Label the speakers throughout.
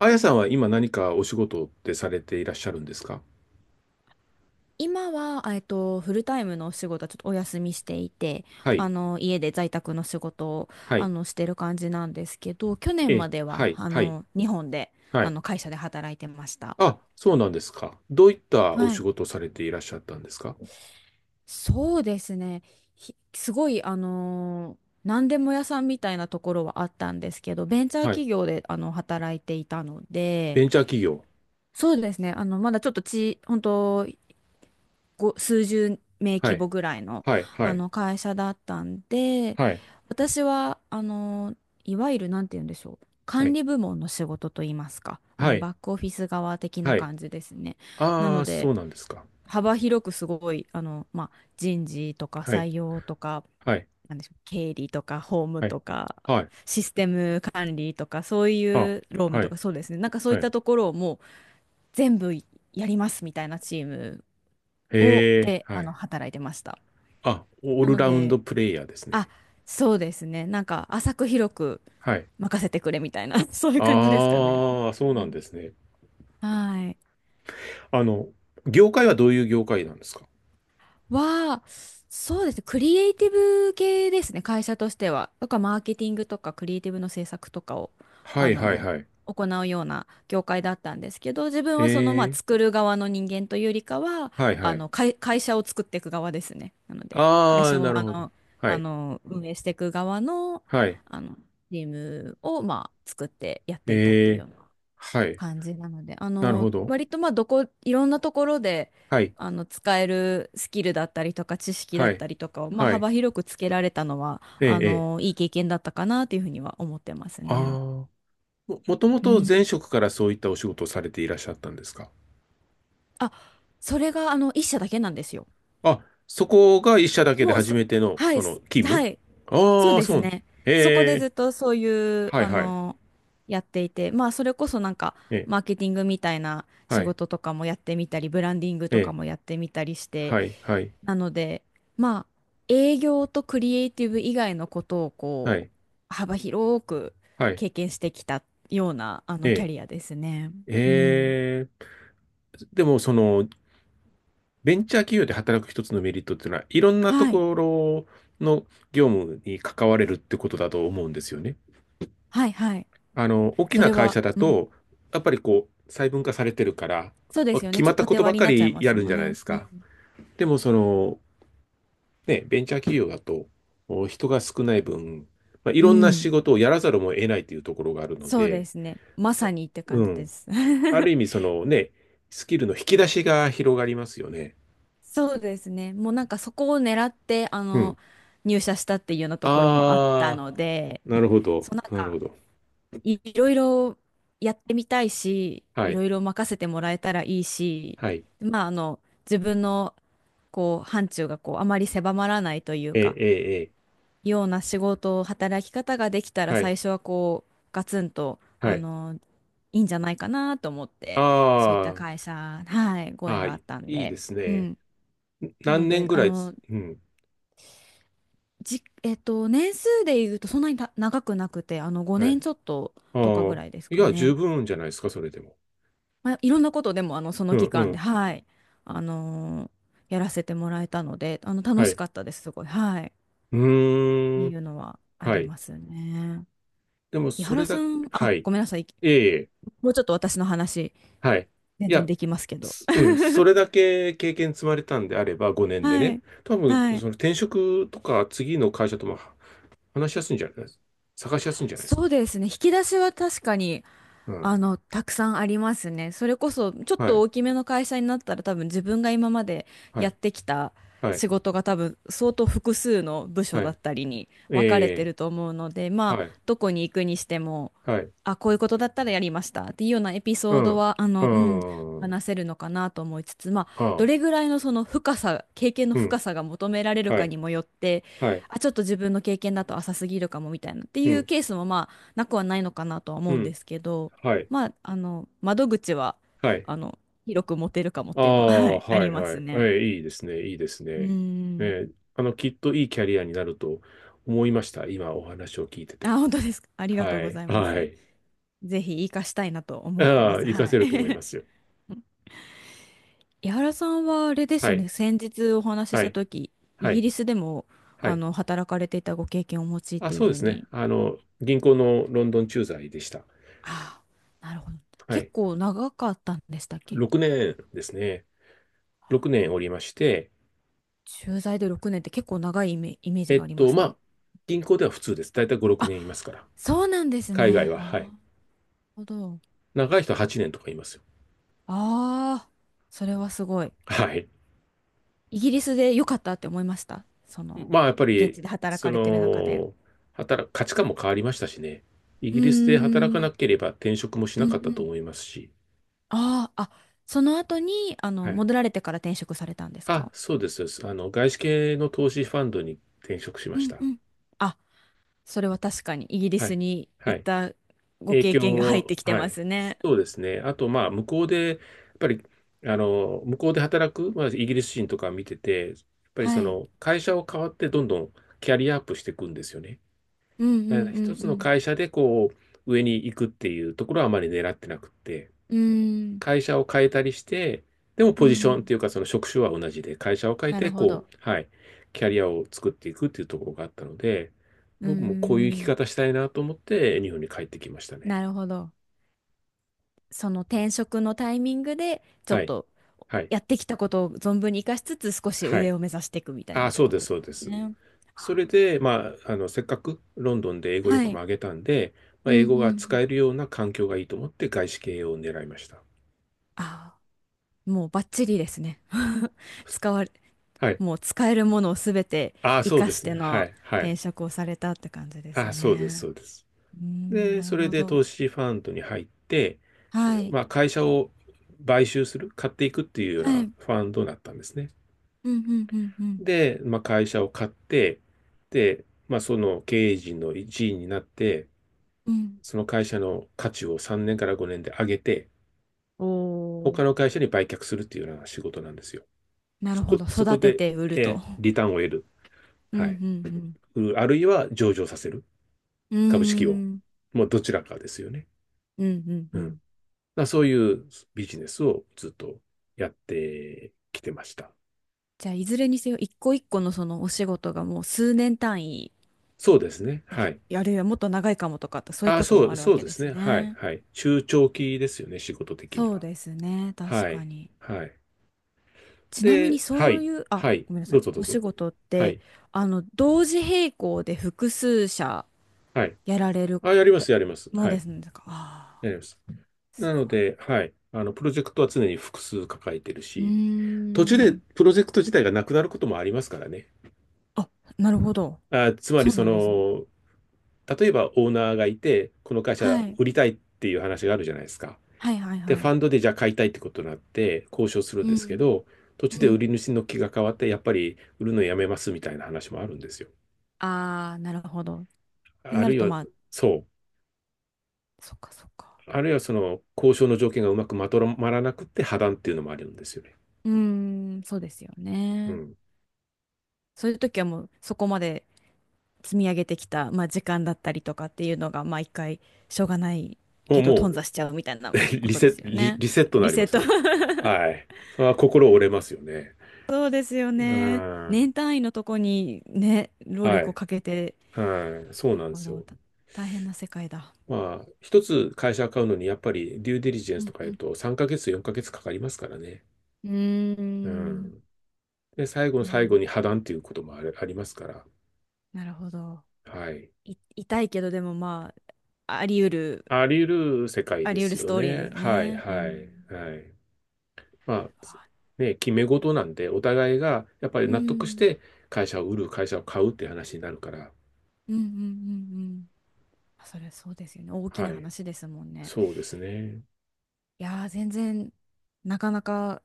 Speaker 1: あやさんは今何かお仕事ってされていらっしゃるんですか？
Speaker 2: 今は、フルタイムのお仕事はちょっとお休みしていて、
Speaker 1: はい、
Speaker 2: 家で在宅の仕事を、
Speaker 1: はい、
Speaker 2: してる感じなんですけど、去
Speaker 1: え
Speaker 2: 年ま
Speaker 1: え、
Speaker 2: で
Speaker 1: は
Speaker 2: は、
Speaker 1: い、はい、
Speaker 2: 日本で、
Speaker 1: はい。
Speaker 2: 会社で働いてました。
Speaker 1: あ、そうなんですか。どういったお
Speaker 2: は
Speaker 1: 仕
Speaker 2: い。
Speaker 1: 事をされていらっしゃったんですか？
Speaker 2: そうですね。すごい、何でも屋さんみたいなところはあったんですけど、ベンチャー
Speaker 1: はい。
Speaker 2: 企業で、働いていたので、
Speaker 1: ベンチャー企業。
Speaker 2: そうですね。まだちょっとち、本当数十名
Speaker 1: は
Speaker 2: 規
Speaker 1: い、
Speaker 2: 模ぐらいの、
Speaker 1: はい、はい、
Speaker 2: 会社だったんで、
Speaker 1: はい、
Speaker 2: 私は、いわゆる、なんて言うんでしょう。
Speaker 1: は
Speaker 2: 管
Speaker 1: い、
Speaker 2: 理部門の仕事と言いますか、
Speaker 1: はい、
Speaker 2: バックオフィス側的な
Speaker 1: はい。
Speaker 2: 感じですね。な
Speaker 1: あ
Speaker 2: の
Speaker 1: あ、そ
Speaker 2: で、
Speaker 1: うなんですか。
Speaker 2: 幅広くすごい、まあ、人事とか
Speaker 1: はい、
Speaker 2: 採用とか、
Speaker 1: はい、
Speaker 2: なんでしょう、経理とか法務
Speaker 1: はい、
Speaker 2: とか、
Speaker 1: はい、
Speaker 2: システム管理とか、そうい
Speaker 1: あ、
Speaker 2: う労務
Speaker 1: は
Speaker 2: と
Speaker 1: い、
Speaker 2: か、そうですね。なんかそうい
Speaker 1: は
Speaker 2: っ
Speaker 1: い。
Speaker 2: たところをもう全部やりますみたいなチームを、
Speaker 1: ええ、
Speaker 2: で、
Speaker 1: はい。
Speaker 2: 働いてました。
Speaker 1: あ、オー
Speaker 2: な
Speaker 1: ル
Speaker 2: の
Speaker 1: ラウンド
Speaker 2: で、
Speaker 1: プレイヤーです
Speaker 2: あ、
Speaker 1: ね。
Speaker 2: そうですね。なんか、浅く広く
Speaker 1: はい。
Speaker 2: 任せてくれみたいな、そういう感じですかね。
Speaker 1: ああ、そ
Speaker 2: う
Speaker 1: うなん
Speaker 2: ん、
Speaker 1: ですね。
Speaker 2: はい。
Speaker 1: あの、業界はどういう業界なんですか？
Speaker 2: は、そうですね。クリエイティブ系ですね。会社としては。とか、マーケティングとか、クリエイティブの制作とかを、
Speaker 1: は
Speaker 2: あ
Speaker 1: いはい
Speaker 2: の、
Speaker 1: はい。
Speaker 2: 行うような業界だったんですけど、自分
Speaker 1: へ
Speaker 2: はその、まあ、
Speaker 1: え、
Speaker 2: 作る側の人間というよりかは、
Speaker 1: はいはい。
Speaker 2: 会社を作っていく側ですね。なので、会
Speaker 1: ああ、
Speaker 2: 社
Speaker 1: な
Speaker 2: を、
Speaker 1: るほど。はい、
Speaker 2: 運営していく側の、
Speaker 1: はい。
Speaker 2: あの、チームを、まあ、作ってやっていたっ
Speaker 1: え
Speaker 2: ていうよ
Speaker 1: え、
Speaker 2: う
Speaker 1: はい。
Speaker 2: 感じなので、
Speaker 1: なるほど。
Speaker 2: 割とまあいろんなところで、
Speaker 1: はい、
Speaker 2: 使えるスキルだったりとか知識だ
Speaker 1: は
Speaker 2: っ
Speaker 1: い、
Speaker 2: たりとかを、まあ
Speaker 1: はい。
Speaker 2: 幅広くつけられたのは、
Speaker 1: ええ、ええ。
Speaker 2: いい経験だったかなというふうには思ってます
Speaker 1: あ
Speaker 2: ね。
Speaker 1: あ、もとも
Speaker 2: う
Speaker 1: と前
Speaker 2: ん。
Speaker 1: 職からそういったお仕事をされていらっしゃったんですか？
Speaker 2: あ、それが一社だけなんですよ。
Speaker 1: あ、そこが一社だけで
Speaker 2: もう
Speaker 1: 初
Speaker 2: そ、
Speaker 1: めての、
Speaker 2: は
Speaker 1: そ
Speaker 2: い、
Speaker 1: の、勤務。
Speaker 2: はい、
Speaker 1: ああ
Speaker 2: そう
Speaker 1: ー、
Speaker 2: です
Speaker 1: そう。
Speaker 2: ね。そこで
Speaker 1: え
Speaker 2: ず
Speaker 1: え、
Speaker 2: っとそういう、
Speaker 1: はいはい。
Speaker 2: やっていて、まあそれこそなんか、
Speaker 1: ええ、
Speaker 2: マーケティングみたいな
Speaker 1: は
Speaker 2: 仕
Speaker 1: い、
Speaker 2: 事とかもやってみたり、ブランディング
Speaker 1: え
Speaker 2: とか
Speaker 1: え、
Speaker 2: もやってみたりして、
Speaker 1: はい、はい、
Speaker 2: なので、まあ、営業とクリエイティブ以外のことを
Speaker 1: は
Speaker 2: こう、
Speaker 1: い、
Speaker 2: 幅広く
Speaker 1: はい。
Speaker 2: 経験してきたような、
Speaker 1: え
Speaker 2: キャ
Speaker 1: え、
Speaker 2: リアですね。うん。
Speaker 1: ええ。でも、その、ベンチャー企業で働く一つのメリットっていうのは、いろんなと
Speaker 2: はい。
Speaker 1: ころの業務に関われるってことだと思うんですよね。
Speaker 2: はい、はい。
Speaker 1: あの、大き
Speaker 2: そ
Speaker 1: な
Speaker 2: れ
Speaker 1: 会
Speaker 2: は、
Speaker 1: 社だ
Speaker 2: うん。
Speaker 1: と、やっぱりこう、細分化されてるから、
Speaker 2: そうですよ
Speaker 1: 決
Speaker 2: ね。ち
Speaker 1: ま
Speaker 2: ょ
Speaker 1: っ
Speaker 2: っと
Speaker 1: たこ
Speaker 2: 縦
Speaker 1: とば
Speaker 2: 割りに
Speaker 1: か
Speaker 2: なっちゃい
Speaker 1: り
Speaker 2: ま
Speaker 1: や
Speaker 2: す
Speaker 1: るん
Speaker 2: も
Speaker 1: じ
Speaker 2: ん
Speaker 1: ゃないで
Speaker 2: ね。
Speaker 1: す
Speaker 2: う
Speaker 1: か。
Speaker 2: ん。
Speaker 1: でも、その、ね、ベンチャー企業だと、お人が少ない分、まあ、い
Speaker 2: う
Speaker 1: ろんな仕
Speaker 2: ん。
Speaker 1: 事をやらざるを得ないというところがあるの
Speaker 2: そうで
Speaker 1: で。
Speaker 2: すね。まさにって
Speaker 1: う
Speaker 2: 感じで
Speaker 1: ん。
Speaker 2: す。
Speaker 1: ある意 味、そのね、スキルの引き出しが広がりますよね。
Speaker 2: そうですね。もうなんかそこを狙って、
Speaker 1: うん。
Speaker 2: 入社したっていうようなところもあった
Speaker 1: ああ、
Speaker 2: ので、
Speaker 1: なるほど。
Speaker 2: そうなん
Speaker 1: なる
Speaker 2: か、
Speaker 1: ほど。
Speaker 2: いろいろやってみたいし、
Speaker 1: は
Speaker 2: い
Speaker 1: い。
Speaker 2: ろいろ任せてもらえたらいいし、
Speaker 1: はい。
Speaker 2: まあ、自分の、こう、範疇が、こう、あまり狭まらないという
Speaker 1: ええ、
Speaker 2: か、
Speaker 1: ええ、ええ
Speaker 2: ような仕事働き方ができたら、
Speaker 1: はい。
Speaker 2: 最初は、こう、ガツンと、
Speaker 1: はい。
Speaker 2: いいんじゃないかなと思って、そういった
Speaker 1: あ
Speaker 2: 会社、はい、
Speaker 1: あ、
Speaker 2: ご
Speaker 1: あ
Speaker 2: 縁
Speaker 1: あ、
Speaker 2: があっ
Speaker 1: い
Speaker 2: たん
Speaker 1: いで
Speaker 2: で、
Speaker 1: す
Speaker 2: う
Speaker 1: ね。
Speaker 2: ん。
Speaker 1: ん
Speaker 2: なの
Speaker 1: 何
Speaker 2: で、
Speaker 1: 年ぐ
Speaker 2: あ
Speaker 1: らい
Speaker 2: の、
Speaker 1: つ、うん。
Speaker 2: じ、えっと、年数で言うと、そんなに長くなくて、
Speaker 1: は
Speaker 2: 5年
Speaker 1: い。
Speaker 2: ちょっととか
Speaker 1: あ
Speaker 2: ぐ
Speaker 1: あ、
Speaker 2: らいです
Speaker 1: い
Speaker 2: か
Speaker 1: や、
Speaker 2: ね。
Speaker 1: 十分じゃないですか、それでも。
Speaker 2: まあ、いろんなことでも、そ
Speaker 1: う
Speaker 2: の
Speaker 1: ん、
Speaker 2: 期
Speaker 1: う
Speaker 2: 間で、
Speaker 1: ん。
Speaker 2: はい、あのーやらせてもらえたので、楽
Speaker 1: は
Speaker 2: し
Speaker 1: い。
Speaker 2: かったです、すごい。はい。っ
Speaker 1: う
Speaker 2: て
Speaker 1: ー
Speaker 2: い
Speaker 1: ん。
Speaker 2: うのはあ
Speaker 1: は
Speaker 2: り
Speaker 1: い。
Speaker 2: ますね。
Speaker 1: でも、
Speaker 2: 井
Speaker 1: そ
Speaker 2: 原
Speaker 1: れ
Speaker 2: さ
Speaker 1: だ、
Speaker 2: ん、
Speaker 1: は
Speaker 2: あ、
Speaker 1: い。
Speaker 2: ごめんなさい。
Speaker 1: ええ、
Speaker 2: もうちょっと私の話、
Speaker 1: はい。
Speaker 2: 全
Speaker 1: い
Speaker 2: 然
Speaker 1: や、
Speaker 2: できますけど。
Speaker 1: すうん、そ れだけ経験積まれたんであれば、5年で
Speaker 2: は
Speaker 1: ね。
Speaker 2: い。
Speaker 1: 多分、
Speaker 2: は
Speaker 1: そ
Speaker 2: い。
Speaker 1: の転職とか、次の会社とも話しやすいんじゃないですか。探しやすいんじゃないですか。
Speaker 2: そうですね。引き出しは確かに、
Speaker 1: うん。
Speaker 2: たくさんありますね。それこそ、ちょっ
Speaker 1: は
Speaker 2: と
Speaker 1: い。
Speaker 2: 大きめの会社になったら多分自分が今まで
Speaker 1: は
Speaker 2: やっ
Speaker 1: い。
Speaker 2: てきた
Speaker 1: はい。
Speaker 2: 仕事が多分相当複数の部署
Speaker 1: は
Speaker 2: だ
Speaker 1: い。
Speaker 2: ったりに分かれ
Speaker 1: え
Speaker 2: てる
Speaker 1: え
Speaker 2: と思うので、ま
Speaker 1: はい、
Speaker 2: あ、どこに行くにしても、
Speaker 1: はい、
Speaker 2: あ、こういうことだったらやりましたっていうようなエピ
Speaker 1: う
Speaker 2: ソード
Speaker 1: ん、
Speaker 2: は、うん、
Speaker 1: うん、
Speaker 2: 話せるのかなと思いつつ、まあ、
Speaker 1: あ
Speaker 2: ど
Speaker 1: あ、
Speaker 2: れぐらいのその深さ、経験の
Speaker 1: う
Speaker 2: 深
Speaker 1: ん、
Speaker 2: さが求められる
Speaker 1: は
Speaker 2: か
Speaker 1: い、
Speaker 2: にもよって、
Speaker 1: はい、
Speaker 2: あ、ちょっと自分の経験だと浅すぎるかもみたいなって
Speaker 1: う
Speaker 2: いう
Speaker 1: ん、
Speaker 2: ケースもまあ、なくはないのかなとは
Speaker 1: う
Speaker 2: 思うん
Speaker 1: ん、
Speaker 2: ですけど、
Speaker 1: はい、
Speaker 2: まあ、窓口は、
Speaker 1: はい、
Speaker 2: あの、広く持てるかもっ
Speaker 1: あ
Speaker 2: ていうのは、は
Speaker 1: あ、
Speaker 2: い、あ
Speaker 1: は
Speaker 2: り
Speaker 1: い、
Speaker 2: ま
Speaker 1: は
Speaker 2: す
Speaker 1: い、え
Speaker 2: ね。
Speaker 1: えいいですね、いいです
Speaker 2: うー
Speaker 1: ね。え
Speaker 2: ん。
Speaker 1: えきっといいキャリアになると思いました、今お話を聞いてて。
Speaker 2: あ、本当ですか？ありがとう
Speaker 1: は
Speaker 2: ご
Speaker 1: い、
Speaker 2: ざいま
Speaker 1: は
Speaker 2: す。
Speaker 1: い、
Speaker 2: ぜひ活かしたいなと思ってま
Speaker 1: ああ、
Speaker 2: す。
Speaker 1: 活か
Speaker 2: は
Speaker 1: せると思い
Speaker 2: い。
Speaker 1: ますよ。
Speaker 2: 井原さんはあれです
Speaker 1: は
Speaker 2: よ
Speaker 1: い、
Speaker 2: ね。先日お話しし
Speaker 1: は
Speaker 2: た
Speaker 1: い、
Speaker 2: 時、イ
Speaker 1: は
Speaker 2: ギ
Speaker 1: い、
Speaker 2: リスでも、
Speaker 1: はい。
Speaker 2: 働かれていたご経験をお持ちっ
Speaker 1: あ、
Speaker 2: ていう
Speaker 1: そう
Speaker 2: ふ
Speaker 1: で
Speaker 2: う
Speaker 1: すね、
Speaker 2: に。
Speaker 1: 銀行のロンドン駐在でした。
Speaker 2: ああ、なるほど。
Speaker 1: は
Speaker 2: 結
Speaker 1: い、
Speaker 2: 構長かったんでしたっけ？
Speaker 1: 6年ですね、6年おりまして、
Speaker 2: 駐在で6年って結構長いイメージがあります
Speaker 1: ま
Speaker 2: ね。
Speaker 1: あ、銀行では普通です。だいたい5、6
Speaker 2: あ、
Speaker 1: 年いますから。
Speaker 2: そうなんです
Speaker 1: 海外
Speaker 2: ね。
Speaker 1: は、はい。
Speaker 2: ああ、なるほど。
Speaker 1: 長い人は8年とかいますよ。
Speaker 2: ああ、それはすごい。
Speaker 1: はい。
Speaker 2: イギリスで良かったって思いました。その、
Speaker 1: まあ、やっぱ
Speaker 2: 現
Speaker 1: り、
Speaker 2: 地で働
Speaker 1: そ
Speaker 2: かれてる中で。
Speaker 1: の、働く、価値観も変わりましたしね。イ
Speaker 2: う
Speaker 1: ギリスで働か
Speaker 2: ー
Speaker 1: な
Speaker 2: ん、
Speaker 1: ければ転職もし
Speaker 2: う
Speaker 1: な
Speaker 2: んう
Speaker 1: かったと
Speaker 2: ん。
Speaker 1: 思いますし。
Speaker 2: ああ、あ、その後に、
Speaker 1: はい。
Speaker 2: 戻られてから転職されたんです
Speaker 1: あ、
Speaker 2: か？
Speaker 1: そうです。そうです外資系の投資ファンドに転職しま
Speaker 2: う
Speaker 1: し
Speaker 2: ん
Speaker 1: た。
Speaker 2: うん。あ、それは確かにイギリ
Speaker 1: は
Speaker 2: ス
Speaker 1: い。
Speaker 2: に
Speaker 1: は
Speaker 2: 行っ
Speaker 1: い。
Speaker 2: たご
Speaker 1: 影
Speaker 2: 経験が入っ
Speaker 1: 響、
Speaker 2: てきて
Speaker 1: は
Speaker 2: ま
Speaker 1: い。
Speaker 2: すね。
Speaker 1: そうですね。あと、まあ、向こうで、やっぱり、向こうで働く、まあ、イギリス人とか見てて、やっぱり
Speaker 2: は
Speaker 1: そ
Speaker 2: い。
Speaker 1: の、会社を変わってどんどんキャリアアップしていくんですよね。
Speaker 2: うんう
Speaker 1: だから
Speaker 2: ん
Speaker 1: 一つ
Speaker 2: う
Speaker 1: の
Speaker 2: ん
Speaker 1: 会社で、こう、上に行くっていうところはあまり狙ってなくって、
Speaker 2: うん。うーん、
Speaker 1: 会社を変えたりして、でも
Speaker 2: う
Speaker 1: ポジションって
Speaker 2: ん。
Speaker 1: いうか、その職種は同じで、会社を変え
Speaker 2: な
Speaker 1: て、
Speaker 2: るほ
Speaker 1: こ
Speaker 2: ど。
Speaker 1: う、はい、キャリアを作っていくっていうところがあったので、
Speaker 2: うー
Speaker 1: 僕もこういう生き
Speaker 2: ん、
Speaker 1: 方したいなと思って、日本に帰ってきましたね。
Speaker 2: なるほど。その転職のタイミングで、ちょっ
Speaker 1: はい。
Speaker 2: と
Speaker 1: はい。
Speaker 2: やってきたことを存分に活かしつつ、少し
Speaker 1: は
Speaker 2: 上
Speaker 1: い。
Speaker 2: を目指していくみたいな
Speaker 1: あ、
Speaker 2: って
Speaker 1: そう
Speaker 2: こ
Speaker 1: で
Speaker 2: と
Speaker 1: す、
Speaker 2: で
Speaker 1: そうで
Speaker 2: す
Speaker 1: す。
Speaker 2: ね。
Speaker 1: それで、まあ、せっかくロンドンで英語
Speaker 2: は
Speaker 1: 力も
Speaker 2: い。
Speaker 1: 上げたんで、ま
Speaker 2: う
Speaker 1: あ、
Speaker 2: ん
Speaker 1: 英
Speaker 2: う
Speaker 1: 語
Speaker 2: んう
Speaker 1: が使
Speaker 2: ん。
Speaker 1: えるような環境がいいと思って外資系を狙いました。
Speaker 2: ああ、もうバッチリですね。使われ、
Speaker 1: はい。
Speaker 2: もう使えるものをすべて
Speaker 1: あ、
Speaker 2: 活
Speaker 1: そう
Speaker 2: か
Speaker 1: で
Speaker 2: し
Speaker 1: す
Speaker 2: て
Speaker 1: ね。は
Speaker 2: の
Speaker 1: い、は
Speaker 2: 転
Speaker 1: い。
Speaker 2: 職をされたって感じです
Speaker 1: あ、そうです、
Speaker 2: ね。
Speaker 1: そうです。
Speaker 2: うーん、
Speaker 1: で、
Speaker 2: なる
Speaker 1: それ
Speaker 2: ほ
Speaker 1: で
Speaker 2: ど。
Speaker 1: 投資ファンドに入って、
Speaker 2: はい。
Speaker 1: まあ、会社を買収する、買っていくっていうよう
Speaker 2: はい。う
Speaker 1: な
Speaker 2: ん
Speaker 1: ファンドだったんですね。
Speaker 2: うんうんうん
Speaker 1: で、まあ、会社を買って、で、まあ、その経営陣の一員になって、
Speaker 2: うん。
Speaker 1: その会社の価値を3年から5年で上げて、
Speaker 2: おお、
Speaker 1: 他の会社に売却するっていうような仕事なんですよ。
Speaker 2: なるほど。
Speaker 1: そ
Speaker 2: 育
Speaker 1: こ
Speaker 2: て
Speaker 1: で、
Speaker 2: て売ると。
Speaker 1: リターンを得る。
Speaker 2: うんう
Speaker 1: はい。
Speaker 2: ん
Speaker 1: あるいは上場させる。
Speaker 2: うん。う
Speaker 1: 株式を。
Speaker 2: ーん。
Speaker 1: もうどちらかですよね。
Speaker 2: うんうんう
Speaker 1: うん。
Speaker 2: ん。
Speaker 1: そういうビジネスをずっとやってきてました。
Speaker 2: じゃあ、いずれにせよ、一個一個のそのお仕事がもう数年単位、
Speaker 1: そうですね。はい。
Speaker 2: あるいはもっと長いかもとかって、そういう
Speaker 1: あ、
Speaker 2: こともあるわ
Speaker 1: そう
Speaker 2: け
Speaker 1: で
Speaker 2: で
Speaker 1: す
Speaker 2: す
Speaker 1: ね。はい、
Speaker 2: ね。
Speaker 1: はい。中長期ですよね、仕事的に
Speaker 2: そう
Speaker 1: は。
Speaker 2: ですね、確
Speaker 1: は
Speaker 2: か
Speaker 1: い、
Speaker 2: に。
Speaker 1: はい。
Speaker 2: ちなみに
Speaker 1: で、は
Speaker 2: そう
Speaker 1: い、
Speaker 2: いう、あ、
Speaker 1: はい。
Speaker 2: ごめんなさ
Speaker 1: どう
Speaker 2: い、
Speaker 1: ぞどう
Speaker 2: お
Speaker 1: ぞ。
Speaker 2: 仕事っ
Speaker 1: は
Speaker 2: て、
Speaker 1: い、
Speaker 2: 同時並行で複数社
Speaker 1: はい。
Speaker 2: やられる
Speaker 1: あ、やりま
Speaker 2: た
Speaker 1: す、やります。
Speaker 2: もの
Speaker 1: は
Speaker 2: で
Speaker 1: い。
Speaker 2: すね、か、ああ、
Speaker 1: やります。
Speaker 2: す
Speaker 1: なの
Speaker 2: ごい。
Speaker 1: で、はい。プロジェクトは常に複数抱えてる
Speaker 2: うー
Speaker 1: し、途中で
Speaker 2: ん。
Speaker 1: プロジェクト自体がなくなることもありますからね。
Speaker 2: あ、なるほど。
Speaker 1: あ、つまり、
Speaker 2: そう
Speaker 1: そ
Speaker 2: なんですね。
Speaker 1: の、例えばオーナーがいて、この会
Speaker 2: は
Speaker 1: 社
Speaker 2: い。
Speaker 1: 売りたいっていう話があるじゃないですか。
Speaker 2: はいはい
Speaker 1: で、
Speaker 2: は
Speaker 1: フ
Speaker 2: い。
Speaker 1: ァンドでじゃあ買いたいってことになって交渉するん
Speaker 2: う
Speaker 1: ですけ
Speaker 2: ん。
Speaker 1: ど、途
Speaker 2: う
Speaker 1: 中で売
Speaker 2: ん。
Speaker 1: り主の気が変わって、やっぱり売るのやめますみたいな話もあるんですよ。
Speaker 2: ああ、なるほど。って
Speaker 1: あ
Speaker 2: な
Speaker 1: る
Speaker 2: る
Speaker 1: い
Speaker 2: と、
Speaker 1: は、
Speaker 2: まあ、
Speaker 1: そう。
Speaker 2: そっかそっか。
Speaker 1: あるいはその交渉の条件がうまくまとまらなくて破談っていうのもあるんですよね。
Speaker 2: うーん、そうですよ
Speaker 1: う
Speaker 2: ね。
Speaker 1: ん。
Speaker 2: そういう時はもうそこまで積み上げてきた、まあ、時間だったりとかっていうのが、まあ一回しょうがない
Speaker 1: も
Speaker 2: け
Speaker 1: う、
Speaker 2: ど
Speaker 1: も
Speaker 2: 頓挫しちゃうみたいな
Speaker 1: う、
Speaker 2: ことですよね。
Speaker 1: リセットに
Speaker 2: リ
Speaker 1: なり
Speaker 2: セ
Speaker 1: ま
Speaker 2: ッ
Speaker 1: す
Speaker 2: ト。
Speaker 1: よね。はい。それは心折れますよね。
Speaker 2: そうですよ
Speaker 1: う
Speaker 2: ね。
Speaker 1: ん。
Speaker 2: 年単位のとこにね、労
Speaker 1: は
Speaker 2: 力を
Speaker 1: い。
Speaker 2: かけて、
Speaker 1: はい。そうなんで
Speaker 2: あ
Speaker 1: す
Speaker 2: の、
Speaker 1: よ。
Speaker 2: た大変な世界だ。
Speaker 1: まあ、一つ会社買うのに、やっぱりデューデリジェン
Speaker 2: う
Speaker 1: スと
Speaker 2: ん
Speaker 1: か
Speaker 2: う
Speaker 1: 言う
Speaker 2: ん。
Speaker 1: と3ヶ月、4ヶ月かかりますからね。
Speaker 2: うー
Speaker 1: う
Speaker 2: ん、
Speaker 1: ん。で、最後の
Speaker 2: なる
Speaker 1: 最
Speaker 2: ほ
Speaker 1: 後に
Speaker 2: ど。
Speaker 1: 破談っていうこともある、ありますから。
Speaker 2: なるほど。
Speaker 1: はい。
Speaker 2: 痛いけどでもまあ、あり得る、
Speaker 1: あり得る世界
Speaker 2: あ
Speaker 1: で
Speaker 2: り得る
Speaker 1: す
Speaker 2: ス
Speaker 1: よ
Speaker 2: トーリーで
Speaker 1: ね。
Speaker 2: す
Speaker 1: はい、
Speaker 2: ね。う
Speaker 1: はい、
Speaker 2: ん。
Speaker 1: はい。まあ、
Speaker 2: わ
Speaker 1: ね、決め事なんで、お互いがやっぱり
Speaker 2: う
Speaker 1: 納得し
Speaker 2: ん、
Speaker 1: て会社を売る、会社を買うって話になるから。
Speaker 2: うんうんうんうん、あ、それそうですよね。大きな
Speaker 1: はい。
Speaker 2: 話ですもんね。
Speaker 1: そうですね。
Speaker 2: いやー、全然なかなか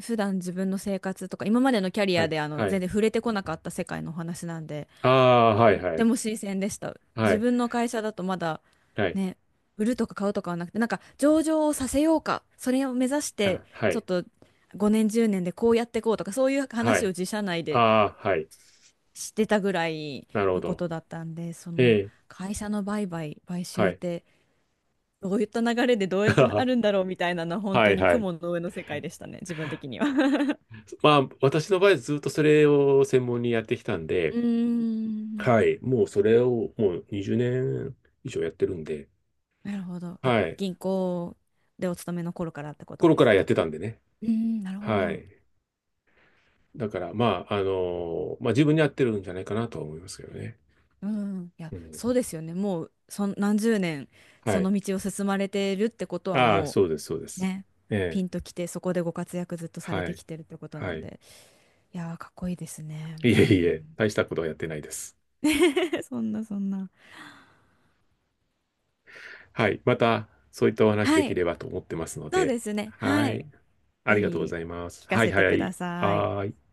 Speaker 2: 普段自分の生活とか今までのキャリ
Speaker 1: は
Speaker 2: ア
Speaker 1: い。
Speaker 2: で
Speaker 1: は
Speaker 2: 全
Speaker 1: い。
Speaker 2: 然触れてこなかった世界のお話なんで、
Speaker 1: ああ、はい、
Speaker 2: と
Speaker 1: は
Speaker 2: て
Speaker 1: い。
Speaker 2: も新鮮でした。
Speaker 1: は
Speaker 2: 自
Speaker 1: い。
Speaker 2: 分の会社だとまだ
Speaker 1: はい。
Speaker 2: ね、売るとか買うとかはなくて、なんか上場をさせようかそれを目指して
Speaker 1: あ、は
Speaker 2: ちょっ
Speaker 1: い。
Speaker 2: と5年10年でこうやっていこうとか、そういう
Speaker 1: は
Speaker 2: 話を
Speaker 1: い。
Speaker 2: 自社内で
Speaker 1: ああ、はい。
Speaker 2: してたぐらい
Speaker 1: なるほ
Speaker 2: のこ
Speaker 1: ど。
Speaker 2: とだったんで、そ
Speaker 1: え
Speaker 2: の
Speaker 1: え、
Speaker 2: 会社の売買、買
Speaker 1: は
Speaker 2: 収っ
Speaker 1: い。
Speaker 2: てどういった流れでどうやってなるん
Speaker 1: は
Speaker 2: だろうみたいなのは本当
Speaker 1: い、
Speaker 2: に
Speaker 1: はい。
Speaker 2: 雲の上の世界でしたね、自分的には。
Speaker 1: まあ、私の場合ずっとそれを専門にやってきたん
Speaker 2: う
Speaker 1: で、
Speaker 2: ーん。
Speaker 1: はい。もうそれをもう20年以上やってるんで、
Speaker 2: なるほど。あ、
Speaker 1: はい。
Speaker 2: 銀行でお勤めの頃からってこと
Speaker 1: 頃
Speaker 2: で
Speaker 1: から
Speaker 2: す
Speaker 1: やっ
Speaker 2: かね。
Speaker 1: てたんでね。
Speaker 2: うーん、なるほ
Speaker 1: は
Speaker 2: ど。
Speaker 1: い。だから、まあ、まあ、自分に合ってるんじゃないかなとは思いますけどね。
Speaker 2: うん、いや、
Speaker 1: うん。
Speaker 2: そうですよね。もう、何十年、
Speaker 1: は
Speaker 2: そ
Speaker 1: い。
Speaker 2: の道を進まれてるってことは、
Speaker 1: ああ、
Speaker 2: も
Speaker 1: そうです、そうで
Speaker 2: う
Speaker 1: す。
Speaker 2: ね、ピ
Speaker 1: え
Speaker 2: ン
Speaker 1: え
Speaker 2: ときて、そこでご活躍ずっとされ
Speaker 1: は
Speaker 2: て
Speaker 1: い。
Speaker 2: きてるってことな
Speaker 1: は
Speaker 2: ん
Speaker 1: い。
Speaker 2: で、いやー、かっこいいですね。
Speaker 1: いえ
Speaker 2: う
Speaker 1: いえ、
Speaker 2: ん。
Speaker 1: 大したことはやってないです。
Speaker 2: そんな、そんな。
Speaker 1: はい。また、そういったお話で
Speaker 2: は
Speaker 1: き
Speaker 2: い。
Speaker 1: ればと思ってますの
Speaker 2: そう
Speaker 1: で。
Speaker 2: ですね。
Speaker 1: は
Speaker 2: はい。
Speaker 1: い。あ
Speaker 2: ぜ
Speaker 1: りがとうご
Speaker 2: ひ、
Speaker 1: ざいます。
Speaker 2: 聞か
Speaker 1: はい
Speaker 2: せて
Speaker 1: は
Speaker 2: くだ
Speaker 1: い。
Speaker 2: さい。
Speaker 1: はーい。